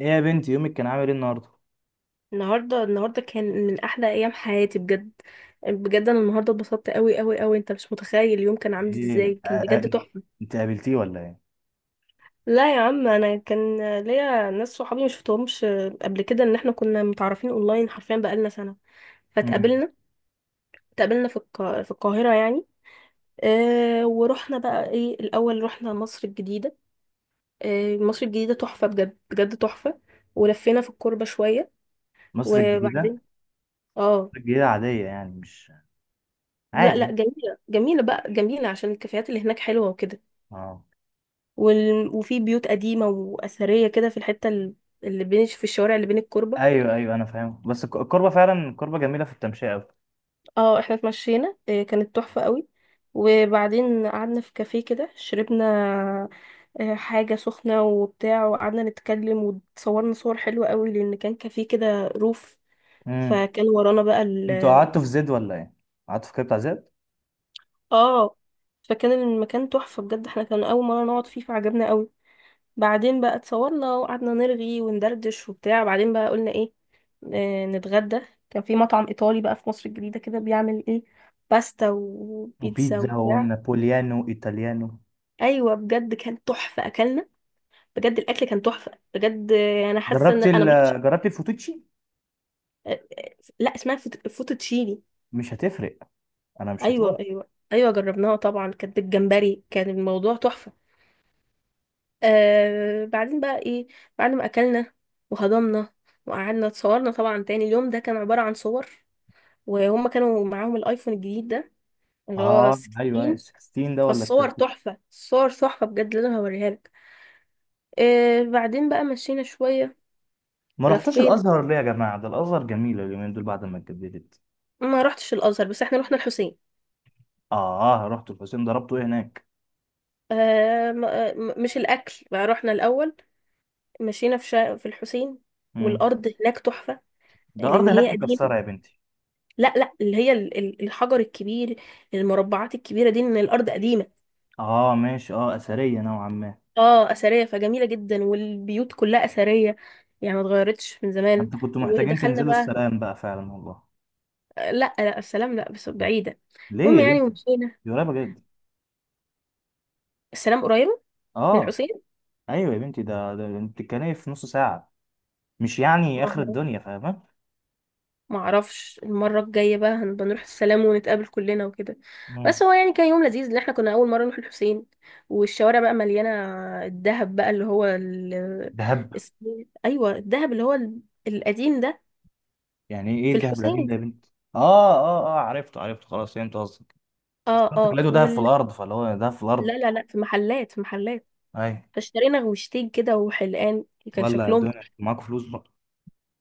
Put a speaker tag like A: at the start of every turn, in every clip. A: ايه يا بنتي، يومك كان عامل ايه النهارده؟
B: النهارده كان من احلى ايام حياتي بجد. بجد انا النهارده اتبسطت قوي قوي قوي، انت مش متخيل اليوم كان عامل
A: ايه،
B: ازاي،
A: آه،
B: كان
A: آه.
B: بجد تحفه.
A: انت قابلتيه ولا ايه؟
B: لا يا عم، انا كان ليا ناس صحابي ما شفتهمش قبل كده، ان احنا كنا متعرفين اونلاين حرفيا بقالنا سنه
A: مم.
B: فاتقابلنا. اتقابلنا في في القاهره يعني. ورحنا بقى ايه، الاول رحنا مصر الجديده. مصر الجديده تحفه، بجد بجد تحفه. ولفينا في الكوربه شويه
A: مصر الجديدة؟
B: وبعدين اه،
A: مصر الجديدة عادية يعني مش
B: لا لا،
A: عادي.
B: جميلة جميلة بقى، جميلة عشان الكافيهات اللي هناك حلوة وكده.
A: اه.
B: وفي بيوت قديمة وأثرية كده في اللي بين، في الشوارع اللي بين الكوربة.
A: ايوه ايوه، انا فاهم. بس الكوربة فعلا الكوربة جميلة في التمشية اوي.
B: اه احنا اتمشينا، إيه، كانت تحفة قوي. وبعدين قعدنا في كافيه كده، شربنا حاجة سخنة وبتاع، وقعدنا نتكلم وتصورنا صور حلوة قوي، لأن كان كافيه كده روف.
A: مم.
B: فكان ورانا بقى
A: انتوا
B: ال
A: قعدتوا في زد ولا ايه؟ قعدتوا في كده بتاع زد؟
B: اه فكان المكان تحفة بجد، احنا كان أول مرة نقعد فيه فعجبنا قوي. بعدين بقى اتصورنا وقعدنا نرغي وندردش وبتاع. بعدين بقى قلنا ايه، آه نتغدى. كان في مطعم ايطالي بقى في مصر الجديدة كده، بيعمل ايه، باستا وبيتزا
A: وبيتزا
B: وبتاع.
A: ونابوليانو ايطاليانو.
B: ايوه بجد كان تحفة، اكلنا بجد الاكل كان تحفة بجد. انا حاسة ان
A: جربتي
B: انا
A: ال
B: ما رحتش.
A: جربتي الفوتوتشي؟
B: آه، لا، اسمها فوتوتشيني.
A: مش هتفرق، انا مش
B: ايوه
A: ايطالي.
B: ايوه ايوه جربناها طبعا، كانت بالجمبري، كان الموضوع تحفة. بعدين بقى ايه، بعد ما اكلنا وهضمنا وقعدنا اتصورنا طبعا تاني. اليوم ده كان عبارة عن صور، وهم كانوا معاهم الايفون الجديد ده اللي هو
A: اه ايوه،
B: 16.
A: ال 16 ده ولا ال
B: فالصور
A: 13؟
B: تحفة، الصور تحفة بجد، لازم هوريها لك. بعدين بقى مشينا شوية،
A: ما رحتوش
B: لفينا.
A: الازهر ليه يا جماعة؟ ده الازهر جميلة اليومين دول بعد ما اتجددت.
B: ما رحتش الازهر بس احنا رحنا الحسين.
A: اه رحت الحسين، ضربته ايه هناك؟
B: مش الاكل بقى، رحنا الاول مشينا في في الحسين.
A: مم.
B: والارض هناك تحفة،
A: ده الارض
B: لان
A: هناك
B: هي قديمة.
A: مكسره يا بنتي.
B: لا لا، اللي هي الحجر الكبير، المربعات الكبيرة دي، ان الارض قديمة.
A: اه ماشي، اه اثريه نوعا ما.
B: اه اثرية فجميلة جدا، والبيوت كلها اثرية، يعني ما اتغيرتش من زمان.
A: انت كنت محتاجين
B: ودخلنا
A: تنزلوا
B: بقى.
A: السلام بقى فعلا والله.
B: لا لا، السلام لا بس بعيدة.
A: ليه
B: المهم
A: يا
B: يعني،
A: بنتي؟
B: ومشينا.
A: دي قريبه جدا.
B: السلام قريبة من
A: اه.
B: الحسين.
A: ايوه يا بنتي، ده انت بتتكلمي في نص ساعه، مش يعني اخر
B: آه.
A: الدنيا فاهمه.
B: معرفش، المرة الجاية بقى هنبقى نروح السلام ونتقابل كلنا وكده. بس
A: مم.
B: هو يعني كان يوم لذيذ، لان احنا كنا أول مرة نروح الحسين. والشوارع بقى مليانة الذهب بقى اللي هو ال...
A: دهب
B: الس- أيوة الذهب القديم ده،
A: يعني ايه
B: في
A: الدهب القديم
B: الحسين.
A: ده يا بنتي اه اه اه عرفته عرفته خلاص فهمت قصدك
B: اه
A: بس انت
B: اه
A: لقيته دهب
B: وال...
A: في الارض فاللي هو دهب في
B: لا
A: الارض
B: لا لا، في محلات، في محلات.
A: ايوه
B: فاشترينا غوشتين كده وحلقان، كان
A: ولا
B: شكلهم.
A: الدنيا معاكوا فلوس بقى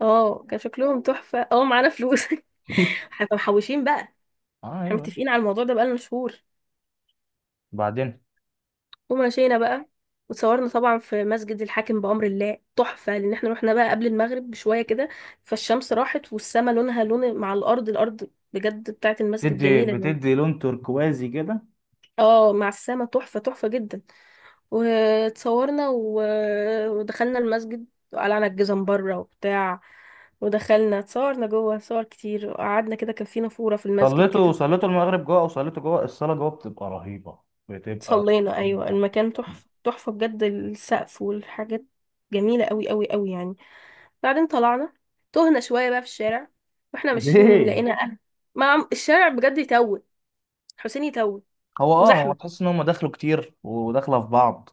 B: اه كان شكلهم تحفة، اه معانا فلوس. احنا محوشين بقى،
A: اه
B: احنا
A: ايوه
B: متفقين على الموضوع ده بقالنا شهور.
A: بعدين
B: ومشينا بقى وتصورنا طبعا في مسجد الحاكم بأمر الله، تحفة، لأن احنا رحنا بقى قبل المغرب بشوية كده، فالشمس راحت والسما لونها لون مع الأرض، الأرض بجد بتاعت المسجد
A: بتدي
B: جميلة يعني.
A: بتدي لون تركوازي كده
B: اه مع السما تحفة، تحفة جدا. وتصورنا ودخلنا المسجد وقلعنا الجزم بره وبتاع، ودخلنا اتصورنا جوه صور كتير، وقعدنا كده، كان في نافورة في المسجد
A: صليته
B: كده.
A: صليته المغرب جوه او صليته جوه الصلاه جوه بتبقى رهيبه بتبقى
B: صلينا، ايوه،
A: رهيبه
B: المكان تحفه تحفه بجد، السقف والحاجات جميله قوي قوي قوي يعني. بعدين طلعنا، تهنا شويه بقى في الشارع، واحنا ماشيين
A: ليه
B: لقينا اهل، مع الشارع بجد يتوه، حسين يتوه
A: هو اه هو
B: وزحمه.
A: تحس ان هم دخلوا كتير وداخله في بعض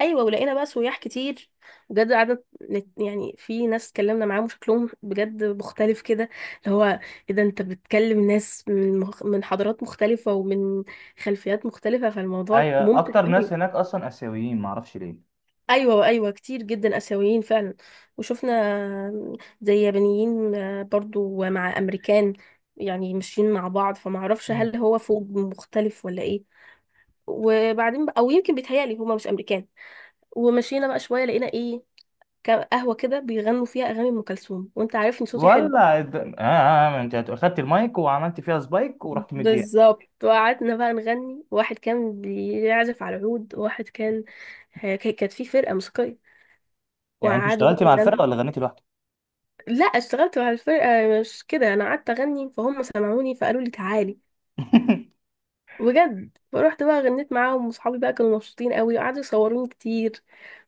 B: ايوه ولقينا بقى سياح كتير، بجد قعدنا يعني في ناس اتكلمنا معاهم شكلهم بجد مختلف كده، اللي هو ايه ده، انت بتكلم ناس من من حضارات مختلفه ومن خلفيات مختلفه، فالموضوع
A: ايوه
B: ممتع
A: اكتر ناس
B: قوي.
A: هناك اصلا اسيويين معرفش ليه
B: ايوه ايوه كتير جدا اسيويين فعلا. وشفنا زي يابانيين، برضو مع امريكان، يعني ماشيين مع بعض، فما اعرفش
A: مم.
B: هل هو فوج مختلف ولا ايه. وبعدين او يمكن بيتهيألي هما مش امريكان. ومشينا بقى شويه لقينا ايه، قهوه كده بيغنوا فيها اغاني ام كلثوم، وانت عارفني صوتي حلو.
A: ولا الد- اه آه، آه، انت اخدت المايك وعملت فيها سبايك ورحت مديها.
B: بالظبط، وقعدنا بقى نغني، واحد كان بيعزف على العود وواحد كان كانت في فرقه موسيقيه،
A: يعني انت
B: وقعدوا بقى
A: اشتغلتي مع الفرقه
B: يغنوا.
A: ولا غنيتي لوحدك؟
B: لا، اشتغلت مع الفرقة، مش كده، انا قعدت اغني فهم سمعوني فقالوا لي تعالي. بجد، فروحت بقى غنيت معاهم وصحابي بقى كانوا مبسوطين قوي وقعدوا يصوروني كتير.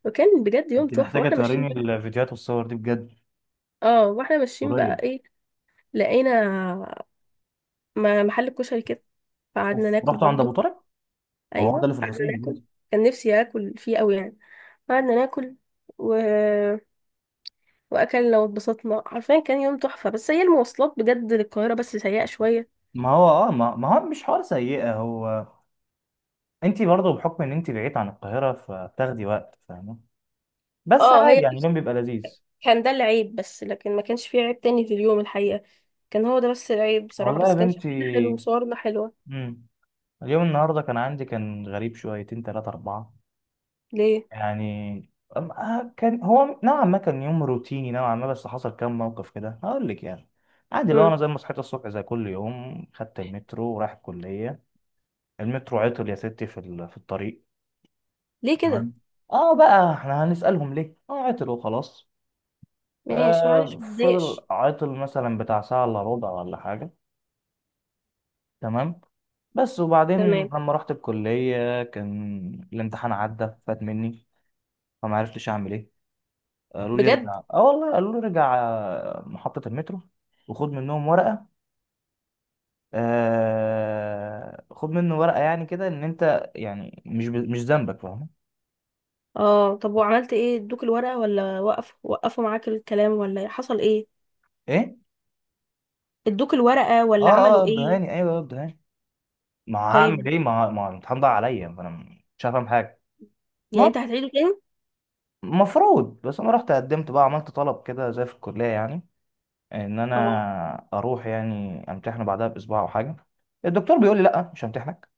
B: وكان بجد يوم
A: انت
B: تحفة.
A: محتاجه
B: واحنا
A: توريني
B: ماشيين بقى
A: الفيديوهات والصور دي بجد.
B: اه، واحنا ماشيين بقى
A: قريب.
B: ايه، لقينا محل كشري كده، فقعدنا
A: اوف،
B: ناكل
A: رحتوا عند ابو
B: برضو.
A: طارق. ما هو ده
B: ايوه
A: اللي في
B: قعدنا
A: الحسين.
B: ناكل، كان نفسي اكل فيه قوي يعني. قعدنا ناكل و... واكلنا واتبسطنا، حرفيا كان يوم تحفة. بس هي المواصلات بجد للقاهرة بس سيئة شوية.
A: ما هو مش حوار سيئة هو. انت برضه بحكم ان انت بعيد عن القاهرة فبتاخدي وقت فاهمة. بس
B: اه
A: عادي
B: هي
A: يعني، اليوم بيبقى لذيذ.
B: كان ده العيب بس، لكن ما كانش فيه عيب تاني في اليوم الحقيقة، كان هو ده بس العيب بصراحة،
A: والله يا
B: بس كان
A: بنتي.
B: شكلنا حلو وصورنا حلوة.
A: مم. اليوم النهاردة كان عندي كان غريب شويتين تلاتة أربعة.
B: ليه؟
A: يعني كان هو نوعا ما كان يوم روتيني نوعا ما، بس حصل كام موقف كده هقول لك يعني. عادي، لو انا
B: مم.
A: زي ما صحيت الصبح زي كل يوم خدت المترو ورايح الكلية. المترو عطل يا ستي في الطريق.
B: ليه كده؟
A: تمام. اه بقى احنا هنسألهم ليه اه عطل وخلاص.
B: ماشي معلش
A: فضل
B: متضايقش.
A: عاطل مثلا بتاع ساعة إلا ربع ولا حاجة. تمام. بس وبعدين
B: تمام.
A: لما رحت الكلية كان الامتحان عدى فات مني. فما عرفتش أعمل إيه. قالوا لي
B: بجد؟
A: ارجع، آه والله، قالوا لي ارجع محطة المترو، وخد منهم ورقة. خد منه ورقة يعني كده، إن أنت يعني مش ذنبك، فاهم؟
B: اه، طب وعملت ايه؟ ادوك الورقة ولا وقف، وقفوا معاك الكلام، ولا حصل ايه؟
A: إيه؟
B: ادوك الورقة ولا عملوا ايه؟
A: الدهاني، أيوه الدهاني. ما هعمل
B: طيب.
A: إيه، ما الامتحان ضاع عليا فأنا مش هفهم حاجة.
B: يعني انت هتعيده تاني؟
A: مفروض، بس انا رحت قدمت بقى، عملت طلب كده زي في الكليه يعني، ان
B: اه.
A: انا اروح يعني امتحنه بعدها باسبوع او حاجه. الدكتور بيقول لي لا، مش همتحنك،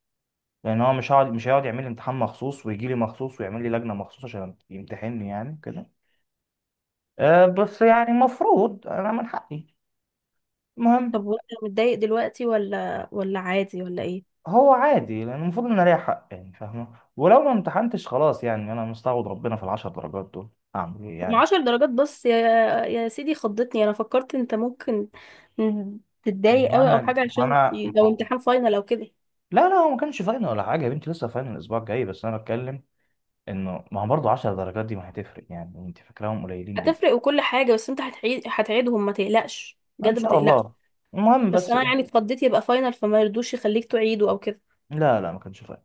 A: لان هو مش هيقعد يعمل لي امتحان مخصوص ويجي لي مخصوص ويعمل لي لجنه مخصوص عشان يمتحنني يعني كده. بس يعني مفروض انا من حقي. المهم.
B: طب وانت متضايق دلوقتي ولا، ولا عادي، ولا ايه؟
A: هو عادي لان المفروض ان انا ليا حق يعني، فاهمه. ولو ما امتحنتش خلاص، يعني انا مستعوض ربنا في العشر درجات دول. اعمل ايه
B: طب
A: يعني؟
B: عشر درجات بس يا، يا سيدي خضتني، انا فكرت انت ممكن تتضايق
A: ما
B: قوي او
A: انا
B: حاجه،
A: ما
B: عشان
A: انا
B: لو امتحان فاينل او كده.
A: لا لا، هو ما كانش فاينل ولا حاجه يا بنتي، لسه فاينل الاسبوع الجاي. بس انا بتكلم انه ما هو برضه 10 درجات دي ما هتفرق، يعني انت فاكراهم قليلين
B: هتفرق
A: ليه؟
B: وكل حاجه، بس انت هتعيدهم ما تقلقش
A: ما ان
B: بجد، ما
A: شاء
B: تقلقش.
A: الله. المهم
B: بس
A: بس
B: انا
A: ايه.
B: يعني اتخضيت يبقى فاينل فما يرضوش يخليك تعيده او كده.
A: لا لا، ما كانش فاينل.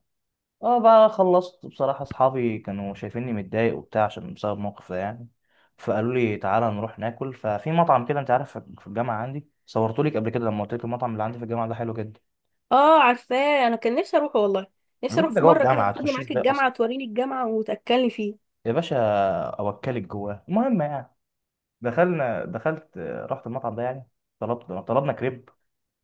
A: اه بقى خلصت بصراحه، اصحابي كانوا شايفيني متضايق وبتاع عشان بسبب موقف ده يعني، فقالوا لي تعالى نروح ناكل. ففي مطعم كده انت عارف في الجامعه، عندي صورته لك قبل كده لما قلت لك المطعم اللي عندي في الجامعه ده حلو جدا.
B: اه عارفاه، انا كان نفسي اروحه والله.
A: يا
B: نفسي
A: بنتي
B: اروح
A: ده
B: في
A: جوه
B: مره كده
A: الجامعه،
B: تاخدني
A: هتخشيه
B: معاك
A: ازاي اصلا؟
B: الجامعه، توريني الجامعه وتاكلني فيه.
A: يا باشا، اوكلك جواه. المهم يعني، دخلنا دخلت رحت المطعم ده يعني، طلبت طلبنا كريب،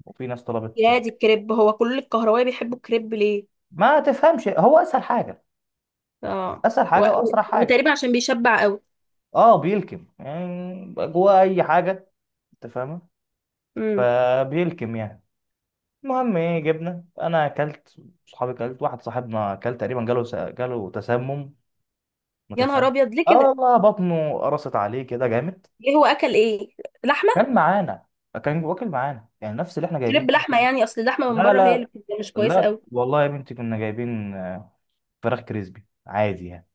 A: وفي ناس طلبت.
B: يا دي الكريب، هو كل الكهربائي بيحبوا الكريب ليه؟
A: ما تفهمش، هو اسهل حاجه،
B: اه.
A: اسهل
B: و...
A: حاجه واسرع حاجه.
B: وتقريبا عشان بيشبع قوي.
A: اه بيلكم يعني جواه اي حاجه، انت فاهمه،
B: امم.
A: فبيلكم يعني. المهم ايه، جبنا، انا اكلت، صحابي اكلت، واحد صاحبنا اكل تقريبا، جاله تسمم. ما
B: يا نهار
A: تفهم.
B: ابيض، ليه
A: اه
B: كده؟
A: والله، بطنه قرصت عليه كده جامد.
B: ايه، هو اكل ايه؟ لحمه؟
A: كان معانا، كان واكل معانا يعني نفس اللي احنا جايبين.
B: كريب لحمه يعني، اصل اللحمه من
A: لا
B: بره هي
A: لا
B: اللي بتبقى مش كويسه
A: لا
B: قوي.
A: والله يا بنتي، كنا جايبين فراخ كريسبي عادي يعني،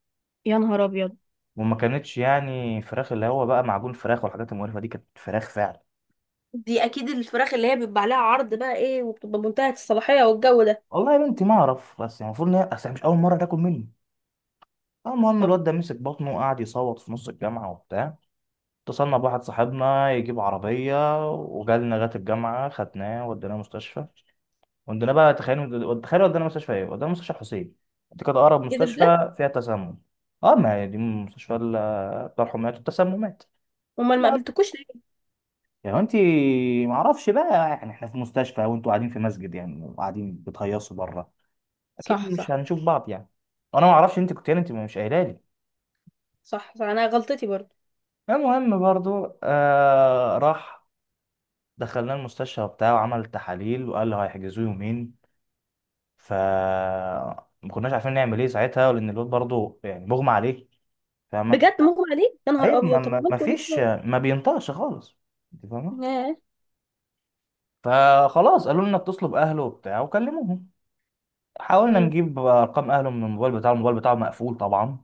B: يا نهار ابيض،
A: وما كانتش يعني فراخ اللي هو بقى معجون فراخ والحاجات المقرفه دي، كانت فراخ فعلا.
B: دي اكيد الفراخ اللي هي بيبقى عليها عرض بقى ايه، وبتبقى منتهيه الصلاحيه والجو ده.
A: والله يا بنتي ما اعرف، بس يعني المفروض ان هي، اصل هي مش اول مره تاكل مني. المهم
B: طب.
A: الواد ده مسك بطنه وقعد يصوت في نص الجامعه وبتاع. اتصلنا بواحد صاحبنا يجيب عربيه وجالنا لغايه الجامعه، خدناه وديناه مستشفى. وديناه بقى، تخيل تخيل، ودينا مستشفى حسين. دي كانت اقرب
B: ايه ده بجد؟
A: مستشفى فيها تسمم. اه ما هي دي مستشفى بتاع الحميات والتسممات.
B: امال ما قابلتكوش ليه؟
A: يعني انت، ما اعرفش بقى، يعني احنا في مستشفى وانتوا قاعدين في مسجد يعني، وقاعدين بتهيصوا بره، اكيد
B: صح
A: مش
B: صح.
A: هنشوف بعض يعني. وانا ما اعرفش، انت كنت يعني، انت مش قايله لي.
B: صح صح، انا غلطتي برضه.
A: المهم برضو، راح دخلنا المستشفى بتاعه وعمل تحاليل وقال له هيحجزوه يومين. ف ما كناش عارفين نعمل ايه ساعتها لان الواد برضو يعني مغمى عليه، فاهمه.
B: بجد مغمى عليه؟ يا نهار
A: ايوه، ما
B: ابيض، طب
A: ما ما
B: عملتوا ايه
A: فيش،
B: بسرعه؟
A: ما بينطقش خالص، انت فاهمه.
B: ياه.
A: فخلاص قالوا لنا اتصلوا باهله وبتاع وكلموهم. حاولنا
B: مم.
A: نجيب ارقام اهله من الموبايل بتاعه، الموبايل بتاعه مقفول طبعا،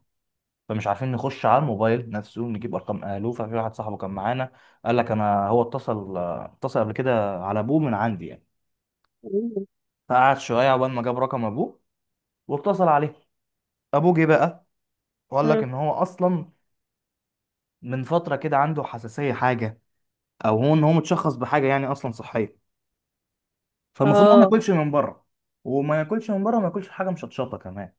A: فمش عارفين نخش على الموبايل نفسه نجيب ارقام اهله. ففي واحد صاحبه كان معانا قال لك انا هو اتصل قبل كده على ابوه من عندي يعني، فقعد شويه عقبال ما جاب رقم ابوه واتصل عليه. ابوه جه بقى وقال لك
B: مم.
A: ان هو اصلا من فتره كده عنده حساسيه حاجه، او هو ان هو متشخص بحاجه يعني اصلا صحيه، فالمفروض ان هو ما
B: اه،
A: ياكلش من بره، وما ياكلش حاجه مشطشطه كمان.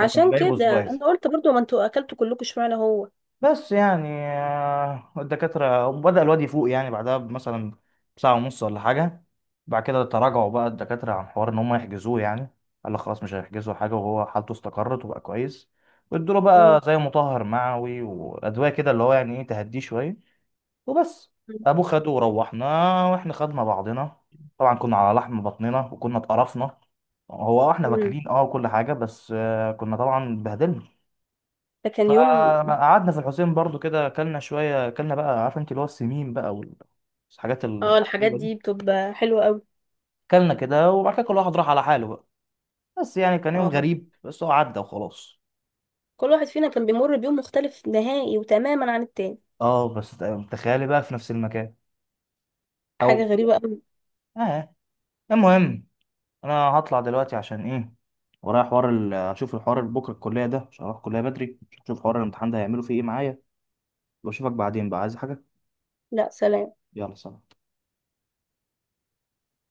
A: هو كان جايبه
B: كده
A: سبايس
B: انا قلت برضه، ما انتوا اكلتوا كلكم اشمعنى هو.
A: بس يعني. الدكاترة بدأ الواد يفوق يعني بعدها مثلا بساعة ونص ولا حاجة. بعد كده تراجعوا بقى الدكاترة عن حوار إن هم يحجزوه يعني، قال لك خلاص مش هيحجزوا حاجة وهو حالته استقرت وبقى كويس، وادوله بقى
B: مم.
A: زي مطهر معوي وأدوية كده اللي هو يعني إيه تهديه شوية وبس. أبوه خده وروحنا وإحنا خدنا بعضنا. طبعا كنا على لحم بطننا وكنا اتقرفنا، هو احنا
B: مم.
A: واكلين اه وكل حاجة، بس كنا طبعا اتبهدلنا.
B: ده كان يوم.
A: فقعدنا في الحسين برضو كده، اكلنا شويه، اكلنا بقى عارف انت اللي هو السمين بقى والحاجات
B: اه الحاجات
A: الغريبه دي.
B: دي بتبقى حلوه قوي.
A: اكلنا كده وبعد كده كل واحد راح على حاله بقى. بس يعني كان يوم
B: اه،
A: غريب، بس هو عدى وخلاص.
B: كل واحد فينا كان بيمر بيوم مختلف نهائي وتماما عن التاني.
A: اه بس تخيلي بقى في نفس المكان.
B: حاجة
A: او
B: غريبة أوي.
A: اه. المهم انا هطلع دلوقتي عشان ايه، ورايا حوار اشوف الحوار اللي بكره الكليه ده، عشان اروح الكليه بدري اشوف حوار الامتحان ده هيعملوا فيه ايه معايا، واشوفك بعدين بقى عايز حاجه.
B: لا، سلام.
A: يلا سلام.